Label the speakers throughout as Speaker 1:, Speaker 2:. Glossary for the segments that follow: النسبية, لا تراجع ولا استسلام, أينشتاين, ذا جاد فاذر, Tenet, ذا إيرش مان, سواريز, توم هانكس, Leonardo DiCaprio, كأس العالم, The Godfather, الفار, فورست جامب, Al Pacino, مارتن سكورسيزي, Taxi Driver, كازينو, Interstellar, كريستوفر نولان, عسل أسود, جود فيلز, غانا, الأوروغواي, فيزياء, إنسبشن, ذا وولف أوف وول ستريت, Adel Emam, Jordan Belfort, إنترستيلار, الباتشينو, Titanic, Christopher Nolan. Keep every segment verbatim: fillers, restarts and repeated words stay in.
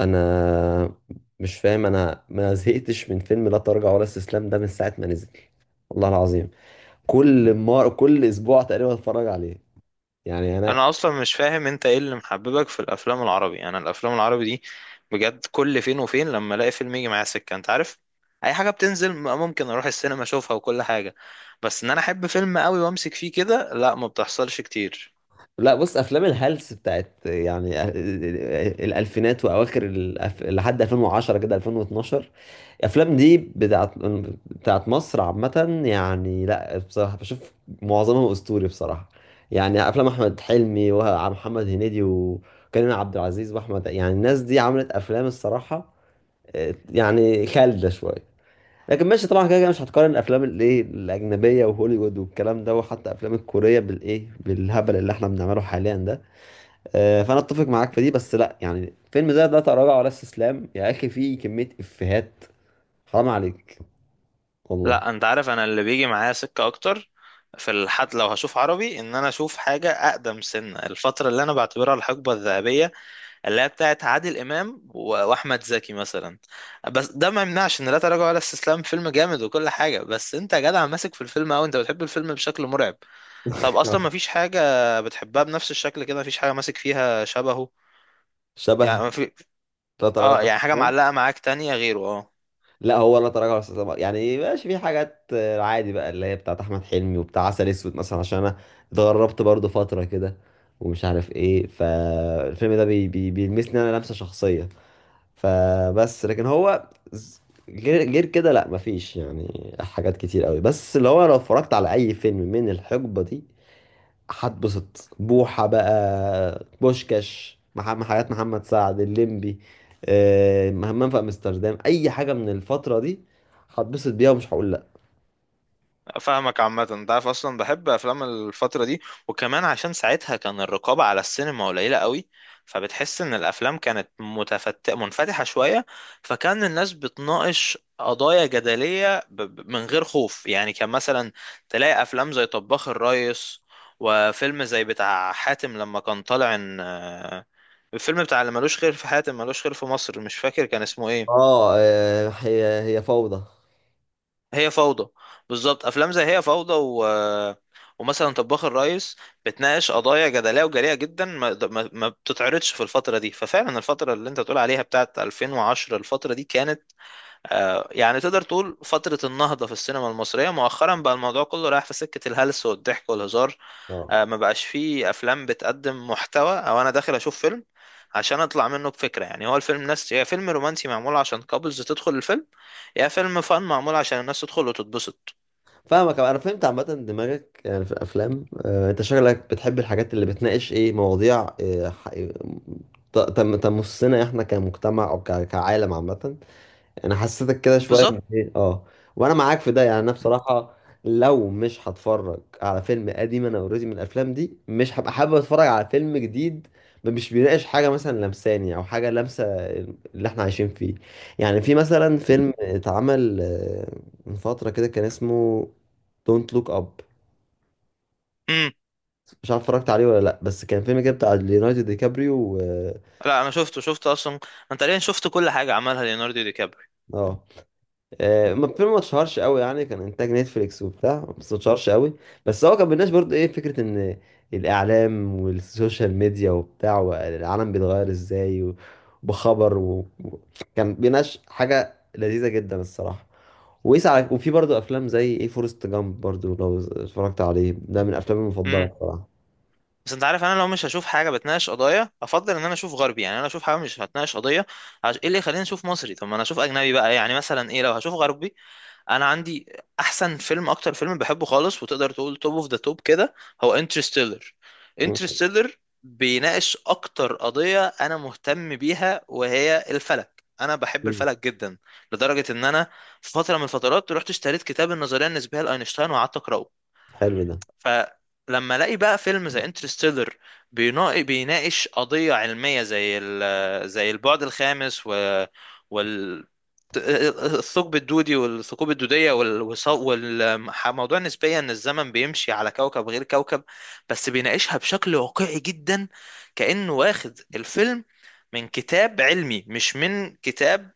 Speaker 1: انا مش فاهم، انا ما زهقتش من فيلم لا تراجع ولا استسلام ده من ساعه ما نزل والله العظيم. كل مار كل اسبوع تقريبا اتفرج عليه. يعني انا
Speaker 2: انا اصلا مش فاهم انت ايه اللي محببك في الافلام العربي. انا الافلام العربي دي بجد كل فين وفين لما الاقي فيلم يجي معايا سكه، انت عارف اي حاجه بتنزل م- ممكن اروح السينما اشوفها وكل حاجه. بس ان انا احب فيلم قوي وامسك فيه كده، لا، ما بتحصلش كتير.
Speaker 1: لا بص، افلام الهلس بتاعت يعني آه، الالفينات واواخر الأف... لحد ألفين وعشرة كده ألفين واتناشر. الافلام دي بتاعت بتاعت مصر عامه. يعني لا بصراحه بشوف معظمها اسطوري بصراحه. يعني افلام احمد حلمي ومحمد هنيدي وكريم عبد العزيز واحمد، يعني الناس دي عملت افلام الصراحه آه، يعني خالده شويه. لكن ماشي طبعا، كده كده مش هتقارن الافلام الايه الاجنبيه وهوليوود والكلام ده وحتى افلام الكوريه بالايه بالهبل اللي احنا بنعمله حاليا ده. آه، فانا اتفق معاك في دي، بس لا، يعني فيلم زي ده تراجع ولا استسلام يا اخي فيه كميه افيهات حرام عليك والله.
Speaker 2: لا، انت عارف انا اللي بيجي معايا سكه اكتر في الحد لو هشوف عربي ان انا اشوف حاجه اقدم سنه، الفتره اللي انا بعتبرها الحقبه الذهبيه اللي هي بتاعت عادل امام و- واحمد زكي مثلا. بس ده ما يمنعش ان لا تراجع ولا استسلام فيلم جامد وكل حاجه، بس انت يا جدع ماسك في الفيلم او انت بتحب الفيلم بشكل مرعب؟ طب اصلا ما فيش حاجه بتحبها بنفس الشكل كده، ما فيش حاجه ماسك فيها شبهه.
Speaker 1: شبه.
Speaker 2: يعني ما في.
Speaker 1: لا تراجع
Speaker 2: اه،
Speaker 1: ولا
Speaker 2: يعني حاجه
Speaker 1: استسلام.
Speaker 2: معلقه معاك تانية غيره؟ اه.
Speaker 1: لا، هو لا تراجع ولا استسلام يعني ماشي، في حاجات آه، عادي بقى اللي هي بتاعت احمد حلمي، وبتاع عسل اسود مثلا عشان انا اتغربت برضو فتره كده ومش عارف ايه، فالفيلم ده بي بي بيلمسني انا لمسه شخصيه. فبس، لكن هو ز- غير غير كده لا مفيش يعني حاجات كتير قوي. بس اللي هو لو اتفرجت على اي فيلم من الحقبه دي هتبسط. بوحه بقى، بوشكاش محمد، حاجات محمد سعد، الليمبي، آه، همام في امستردام، اي حاجه من الفتره دي هتبسط بيها ومش هقول لا.
Speaker 2: فاهمك عامة. انت عارف اصلا بحب افلام الفترة دي وكمان عشان ساعتها كان الرقابة على السينما قليلة قوي، فبتحس ان الافلام كانت متفت... منفتحة شوية، فكان الناس بتناقش قضايا جدلية ب... ب- من غير خوف. يعني كان مثلا تلاقي افلام زي طباخ الريس وفيلم زي بتاع حاتم لما كان طالع ان، آه، الفيلم بتاع اللي ملوش خير في حاتم ملوش خير في مصر، مش فاكر كان اسمه ايه.
Speaker 1: اه، آه، هي هي فوضى.
Speaker 2: هي فوضى، بالظبط. افلام زي هي فوضى و... ومثلا طباخ الريس بتناقش قضايا جدليه وجريئه جدا ما... ما... ما بتتعرضش في الفتره دي. ففعلا الفتره اللي انت تقول عليها بتاعت ألفين وعشرة، الفتره دي كانت آه، يعني تقدر تقول فتره النهضه في السينما المصريه. مؤخرا بقى الموضوع كله رايح في سكه الهلس والضحك والهزار.
Speaker 1: اه
Speaker 2: آه، ما بقاش فيه افلام بتقدم محتوى، او انا داخل اشوف فيلم عشان اطلع منه بفكره. يعني هو الفيلم ناس، يا فيلم رومانسي معمول عشان كابلز تدخل الفيلم، يا فيلم فن معمول عشان الناس تدخل وتتبسط.
Speaker 1: فاهمك، انا فهمت عامه دماغك يعني في الافلام. آه، انت شغلك بتحب الحاجات اللي بتناقش ايه مواضيع آه، ح- آه، ت- تم- تمسنا احنا كمجتمع او ك- كعالم عامه. انا حسيتك كده شويه من
Speaker 2: بالظبط.
Speaker 1: ايه، اه. وانا معاك في ده، يعني انا بصراحه لو مش هتفرج على فيلم قديم، انا اوريدي من الافلام دي مش هبقى حابب اتفرج على فيلم جديد مش بيناقش حاجه مثلا لمساني او حاجه لامسه اللي احنا عايشين فيه. يعني في مثلا فيلم اتعمل آه، من فتره كده كان اسمه دونت لوك اب.
Speaker 2: امم.
Speaker 1: مش عارف اتفرجت عليه ولا لا، بس كان فيلم كده بتاع ليوناردو دي كابريو و...
Speaker 2: لا، انا شفته، شفت اصلا انا تقريبا شفت كل حاجه عملها ليوناردو دي كابري.
Speaker 1: اه، آه، ما الفيلم ما اتشهرش قوي يعني، كان انتاج نتفليكس وبتاع، بس ما اتشهرش قوي. بس هو كان بالناس برضه ايه، فكره ان الاعلام والسوشيال ميديا وبتاع والعالم بيتغير ازاي، وبخبر و... و- كان بيناقش حاجه لذيذه جدا الصراحه. ويسعى. وفي برضه افلام زي ايه، فورست جامب برضه لو اتفرجت عليه، ده من افلامي المفضله
Speaker 2: امم.
Speaker 1: بصراحه.
Speaker 2: بس انت عارف انا لو مش هشوف حاجه بتناقش قضايا، افضل ان انا اشوف غربي. يعني انا اشوف حاجه مش هتناقش قضيه، عش... ايه اللي يخليني اشوف مصري؟ طب ما انا اشوف اجنبي بقى. يعني مثلا ايه، لو هشوف غربي انا عندي احسن فيلم، اكتر فيلم بحبه خالص وتقدر تقول توب اوف ذا توب كده، هو انترستيلر انترستيلر بيناقش اكتر قضية انا مهتم بيها وهي الفلك، انا بحب
Speaker 1: مم.
Speaker 2: الفلك جدا لدرجة ان انا في فترة من الفترات رحت اشتريت كتاب النظرية النسبية لاينشتاين وقعدت اقراه.
Speaker 1: حلو ده.
Speaker 2: فلما الاقي بقى فيلم زي انترستيلر بيناقش قضية علمية زي ال- زي البعد الخامس و وال الثقب الدودي والثقوب الدودية والموضوع النسبية إن الزمن بيمشي على كوكب غير كوكب، بس بيناقشها بشكل واقعي جدا، كأنه واخد الفيلم من كتاب علمي مش من كتاب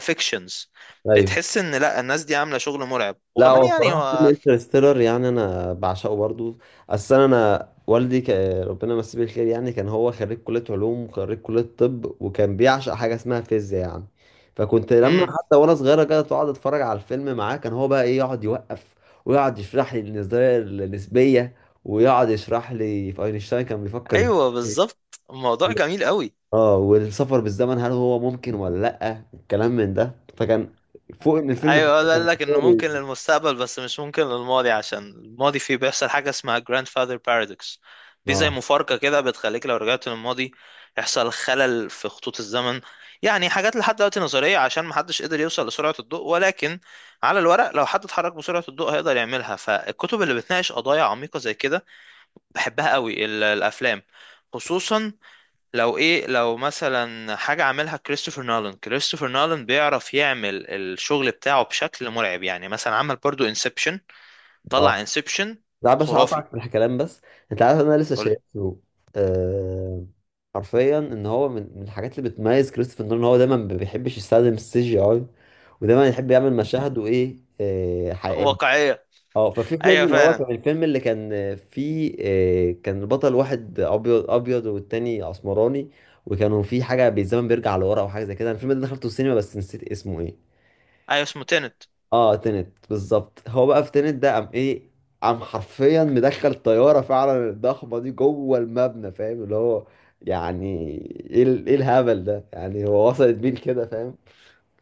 Speaker 2: فيكشنز.
Speaker 1: ايوه
Speaker 2: بتحس إن لا، الناس دي عاملة شغل مرعب،
Speaker 1: لا،
Speaker 2: وكمان
Speaker 1: هو
Speaker 2: يعني
Speaker 1: بصراحة فيلم
Speaker 2: هو
Speaker 1: انترستيلر يعني أنا بعشقه برضو. أصل أنا أنا والدي ك... ربنا يمسيه بالخير، يعني كان هو خريج كلية علوم وخريج كلية طب، وكان بيعشق حاجة اسمها فيزياء يعني. فكنت لما حتى وأنا صغيرة كده أقعد أتفرج على الفيلم معاه، كان هو بقى إيه يقعد يوقف ويقعد يشرح لي النظرية النسبية ويقعد يشرح لي في أينشتاين كان بيفكر
Speaker 2: ايوه
Speaker 1: ازاي،
Speaker 2: بالظبط، الموضوع جميل قوي.
Speaker 1: اه، والسفر بالزمن هل هو ممكن ولا لأ، الكلام من ده. فكان فوق إن الفيلم
Speaker 2: ايوه،
Speaker 1: حلو،
Speaker 2: هو
Speaker 1: كان
Speaker 2: قال لك انه ممكن للمستقبل بس مش ممكن للماضي عشان الماضي فيه بيحصل حاجه اسمها grandfather paradox. دي زي
Speaker 1: اه.
Speaker 2: مفارقه كده بتخليك لو رجعت للماضي يحصل خلل في خطوط الزمن. يعني حاجات لحد دلوقتي نظريه عشان محدش قدر يوصل لسرعه الضوء، ولكن على الورق لو حد اتحرك بسرعه الضوء هيقدر يعملها. فالكتب اللي بتناقش قضايا عميقه زي كده بحبها قوي، ال- الافلام خصوصا لو ايه، لو مثلا حاجة عاملها كريستوفر نولان. كريستوفر نولان بيعرف يعمل الشغل بتاعه بشكل مرعب، يعني مثلا عمل برضو انسبشن. طلع
Speaker 1: اه
Speaker 2: انسبشن
Speaker 1: لا باش،
Speaker 2: خرافي.
Speaker 1: هقطعك في الكلام بس. انت عارف انا لسه
Speaker 2: قول.
Speaker 1: شايفه آه... حرفيا ان هو من من الحاجات اللي بتميز كريستوفر نولان ان هو دايما ما بيحبش يستخدم السي جي اي ودايما يحب يعمل مشاهد وايه آه... حقيقيه.
Speaker 2: واقعية.
Speaker 1: اه، ففي فيلم
Speaker 2: ايوه
Speaker 1: اللي هو
Speaker 2: فعلا.
Speaker 1: كان الفيلم اللي كان فيه آه... كان البطل واحد ابيض ابيض والتاني اسمراني، وكانوا في حاجه بالزمن بيرجع لورا او حاجه زي كده. أنا الفيلم ده دخلته السينما بس نسيت اسمه ايه.
Speaker 2: ايوه، اسمه تينت.
Speaker 1: اه تنت، بالظبط. هو بقى في تنت ده قام ايه، قام حرفيا مدخل طياره فعلا الضخمه دي جوه المبنى، فاهم اللي هو يعني، ايه ال- ايه الهبل ده يعني، هو وصلت بيه كده فاهم،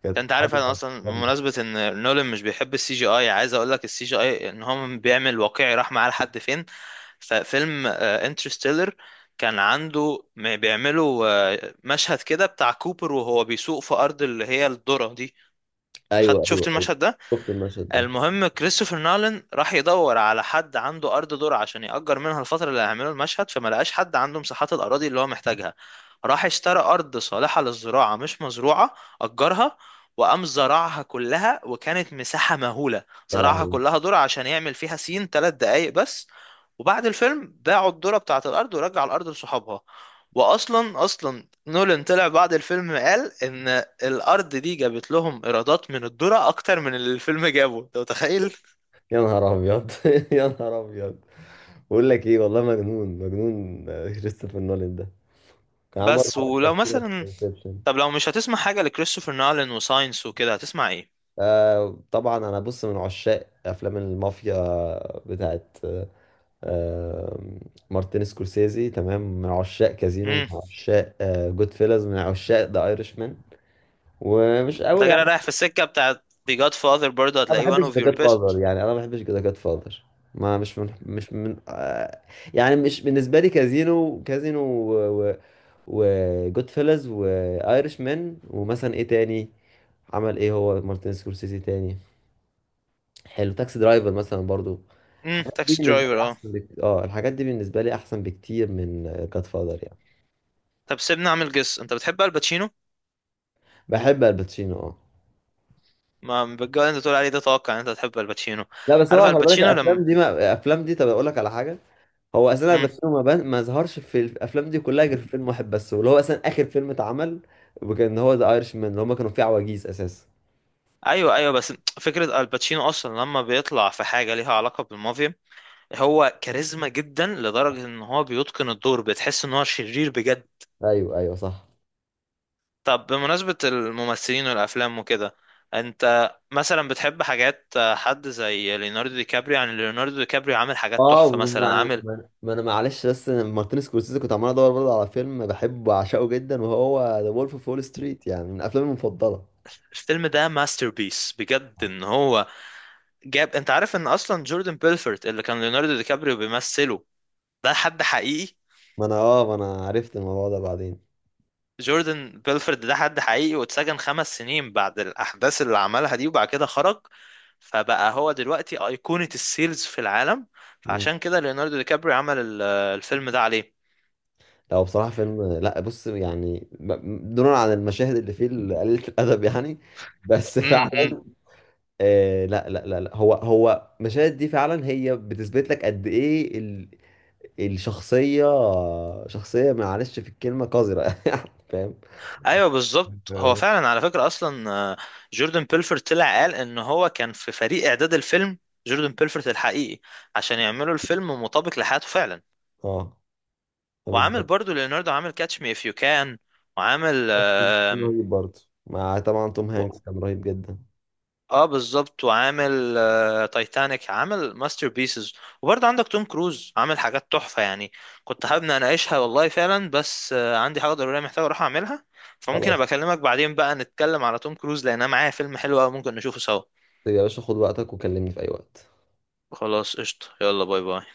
Speaker 1: كانت
Speaker 2: ده انت عارف
Speaker 1: حاجه
Speaker 2: انا اصلا
Speaker 1: جامدة.
Speaker 2: بمناسبة ان نولان مش بيحب السي جي اي، عايز اقول لك السي جي اي ان هو بيعمل واقعي راح معاه لحد فين. ففيلم انترستيلر كان عنده م- بيعملوا آه، مشهد كده بتاع كوبر وهو بيسوق في ارض اللي هي الذرة دي. خدت
Speaker 1: ايوه
Speaker 2: شفت
Speaker 1: ايوه ايوه
Speaker 2: المشهد ده؟
Speaker 1: شفت المشهد ده.
Speaker 2: المهم كريستوفر نولان راح يدور على حد عنده ارض ذرة عشان يأجر منها الفترة اللي هيعملوا المشهد، فما لقاش حد عنده مساحات الاراضي اللي هو محتاجها. راح اشترى ارض صالحة للزراعة مش مزروعة، أجرها، وقام زرعها كلها، وكانت مساحة مهولة،
Speaker 1: يا
Speaker 2: زرعها
Speaker 1: لهوي،
Speaker 2: كلها ذرة عشان يعمل فيها سين ثلاث دقايق بس. وبعد الفيلم باعوا الذرة بتاعة الارض ورجع الارض لصحابها. واصلا اصلا نولان طلع بعد الفيلم قال ان الارض دي جابت لهم ايرادات من الذرة اكتر من اللي الفيلم جابه. انت متخيل؟
Speaker 1: يا نهار ابيض يا نهار ابيض. بقول لك ايه والله، مجنون مجنون آه، كريستوفر نولان ده. كان عامل
Speaker 2: بس
Speaker 1: برضه
Speaker 2: ولو
Speaker 1: حاجات كتيرة في
Speaker 2: مثلا.
Speaker 1: انسبشن.
Speaker 2: طب لو مش هتسمع حاجة لكريستوفر نولان وساينس وكده هتسمع ايه؟
Speaker 1: آه طبعا، انا بص من عشاق افلام المافيا بتاعت آم، مارتن سكورسيزي، تمام، من عشاق كازينو، من
Speaker 2: امم.
Speaker 1: عشاق جود فيلز، من عشاق ذا ايرش مان. ومش
Speaker 2: انت
Speaker 1: قوي
Speaker 2: كده
Speaker 1: يعني،
Speaker 2: رايح في السكة بتاعت The Godfather، برضه
Speaker 1: ما
Speaker 2: هتلاقيه one
Speaker 1: بحبش
Speaker 2: of
Speaker 1: ذا
Speaker 2: your
Speaker 1: جاد فاذر،
Speaker 2: best.
Speaker 1: يعني انا ما بحبش ذا جاد فاذر. ما مش من مش من آه، يعني مش بالنسبه لي. كازينو، كازينو وجود فيلز، وايرش مان، ومثلا ايه تاني عمل، ايه هو مارتن سكورسيزي تاني، حلو. تاكسي درايفر مثلا برضو.
Speaker 2: امم.
Speaker 1: الحاجات دي
Speaker 2: تاكسي
Speaker 1: بالنسبه لي
Speaker 2: درايفر، اه.
Speaker 1: احسن بكتير، اه، الحاجات دي بالنسبه لي احسن بكتير من جاد فاذر يعني.
Speaker 2: طب سيبني اعمل جس، انت بتحب الباتشينو.
Speaker 1: بحب الباتشينو، اه.
Speaker 2: ما بالجو اللي انت تقول عليه ده توقع ان انت بتحب الباتشينو.
Speaker 1: لا بس
Speaker 2: عارف
Speaker 1: هو خلي بالك
Speaker 2: الباتشينو لما.
Speaker 1: الافلام دي، ما الافلام دي، طب اقول لك على حاجه. هو اساسا
Speaker 2: امم.
Speaker 1: الباتشينو ما, بان... ما ظهرش في الافلام دي كلها غير في فيلم واحد بس، واللي هو اساسا اخر فيلم اتعمل، وكان هو ذا ايرش مان اللي هم كانوا فيه عواجيز اساسا.
Speaker 2: ايوه ايوه. بس فكرة الباتشينو اصلا لما بيطلع في حاجة ليها علاقة بالمافيا، هو كاريزما جدا لدرجة ان هو بيتقن الدور، بتحس ان هو شرير بجد.
Speaker 1: ايوه، ايوه، صح.
Speaker 2: طب بمناسبة الممثلين والافلام وكده، انت مثلا بتحب حاجات حد زي ليوناردو دي كابريو؟ يعني ليوناردو دي كابريو عامل حاجات
Speaker 1: اه
Speaker 2: تحفة مثلا،
Speaker 1: ما,
Speaker 2: عامل
Speaker 1: ما... ما انا معلش، بس أنا مارتن سكورسيزي كنت عمال ادور برضه على فيلم بحبه وعشقه جدا، وهو ذا وولف اوف وول ستريت، يعني من افلامي المفضله.
Speaker 2: الفيلم ده ماستر بيس بجد ان هو جاب. انت عارف ان اصلا جوردن بيلفورت اللي كان ليوناردو دي كابريو بيمثله ده حد حقيقي؟
Speaker 1: ما انا اه، ما انا عرفت الموضوع ده بعدين.
Speaker 2: جوردن بيلفورد ده حد حقيقي، واتسجن خمس سنين بعد الأحداث اللي عملها دي وبعد كده خرج، فبقى هو دلوقتي أيقونة السيلز في العالم. فعشان كده ليوناردو دي كابري عمل ال- الفيلم ده عليه.
Speaker 1: لا هو بصراحة فيلم، لا بص، يعني ب- دونا عن المشاهد اللي فيه قليلة الأدب يعني، بس فعلا.
Speaker 2: امم. أمم.
Speaker 1: آه لا لا لا لا هو هو المشاهد دي فعلا هي بتثبت لك قد إيه ال... الشخصية. شخصية، معلش في الكلمة، قذرة يعني فاهم.
Speaker 2: ايوه بالظبط. هو
Speaker 1: أنت-
Speaker 2: فعلا على فكره اصلا، آه، جوردن بيلفورد طلع قال ان هو كان في فريق اعداد الفيلم، جوردن بيلفورد الحقيقي، عشان يعملوا الفيلم مطابق لحياته فعلا.
Speaker 1: اه
Speaker 2: وعامل
Speaker 1: بالظبط.
Speaker 2: برضو ليوناردو عامل كاتش مي اف يو كان، وعامل،
Speaker 1: كان رهيب برضه، مع طبعا توم هانكس كان رهيب جدا.
Speaker 2: اه بالظبط، وعامل آه، تايتانيك، عامل ماستر بيسز. وبرضه عندك توم كروز عامل حاجات تحفة يعني. كنت حابب إن اناقشها والله فعلا، بس آه، عندي حاجة ضرورية محتاج اروح اعملها. فممكن
Speaker 1: خلاص
Speaker 2: ابقى اكلمك بعدين، بقى نتكلم على توم كروز لان انا معايا فيلم حلو قوي ممكن نشوفه سوا.
Speaker 1: يا باشا، خد وقتك وكلمني في أي وقت.
Speaker 2: خلاص قشطة، يلا باي باي.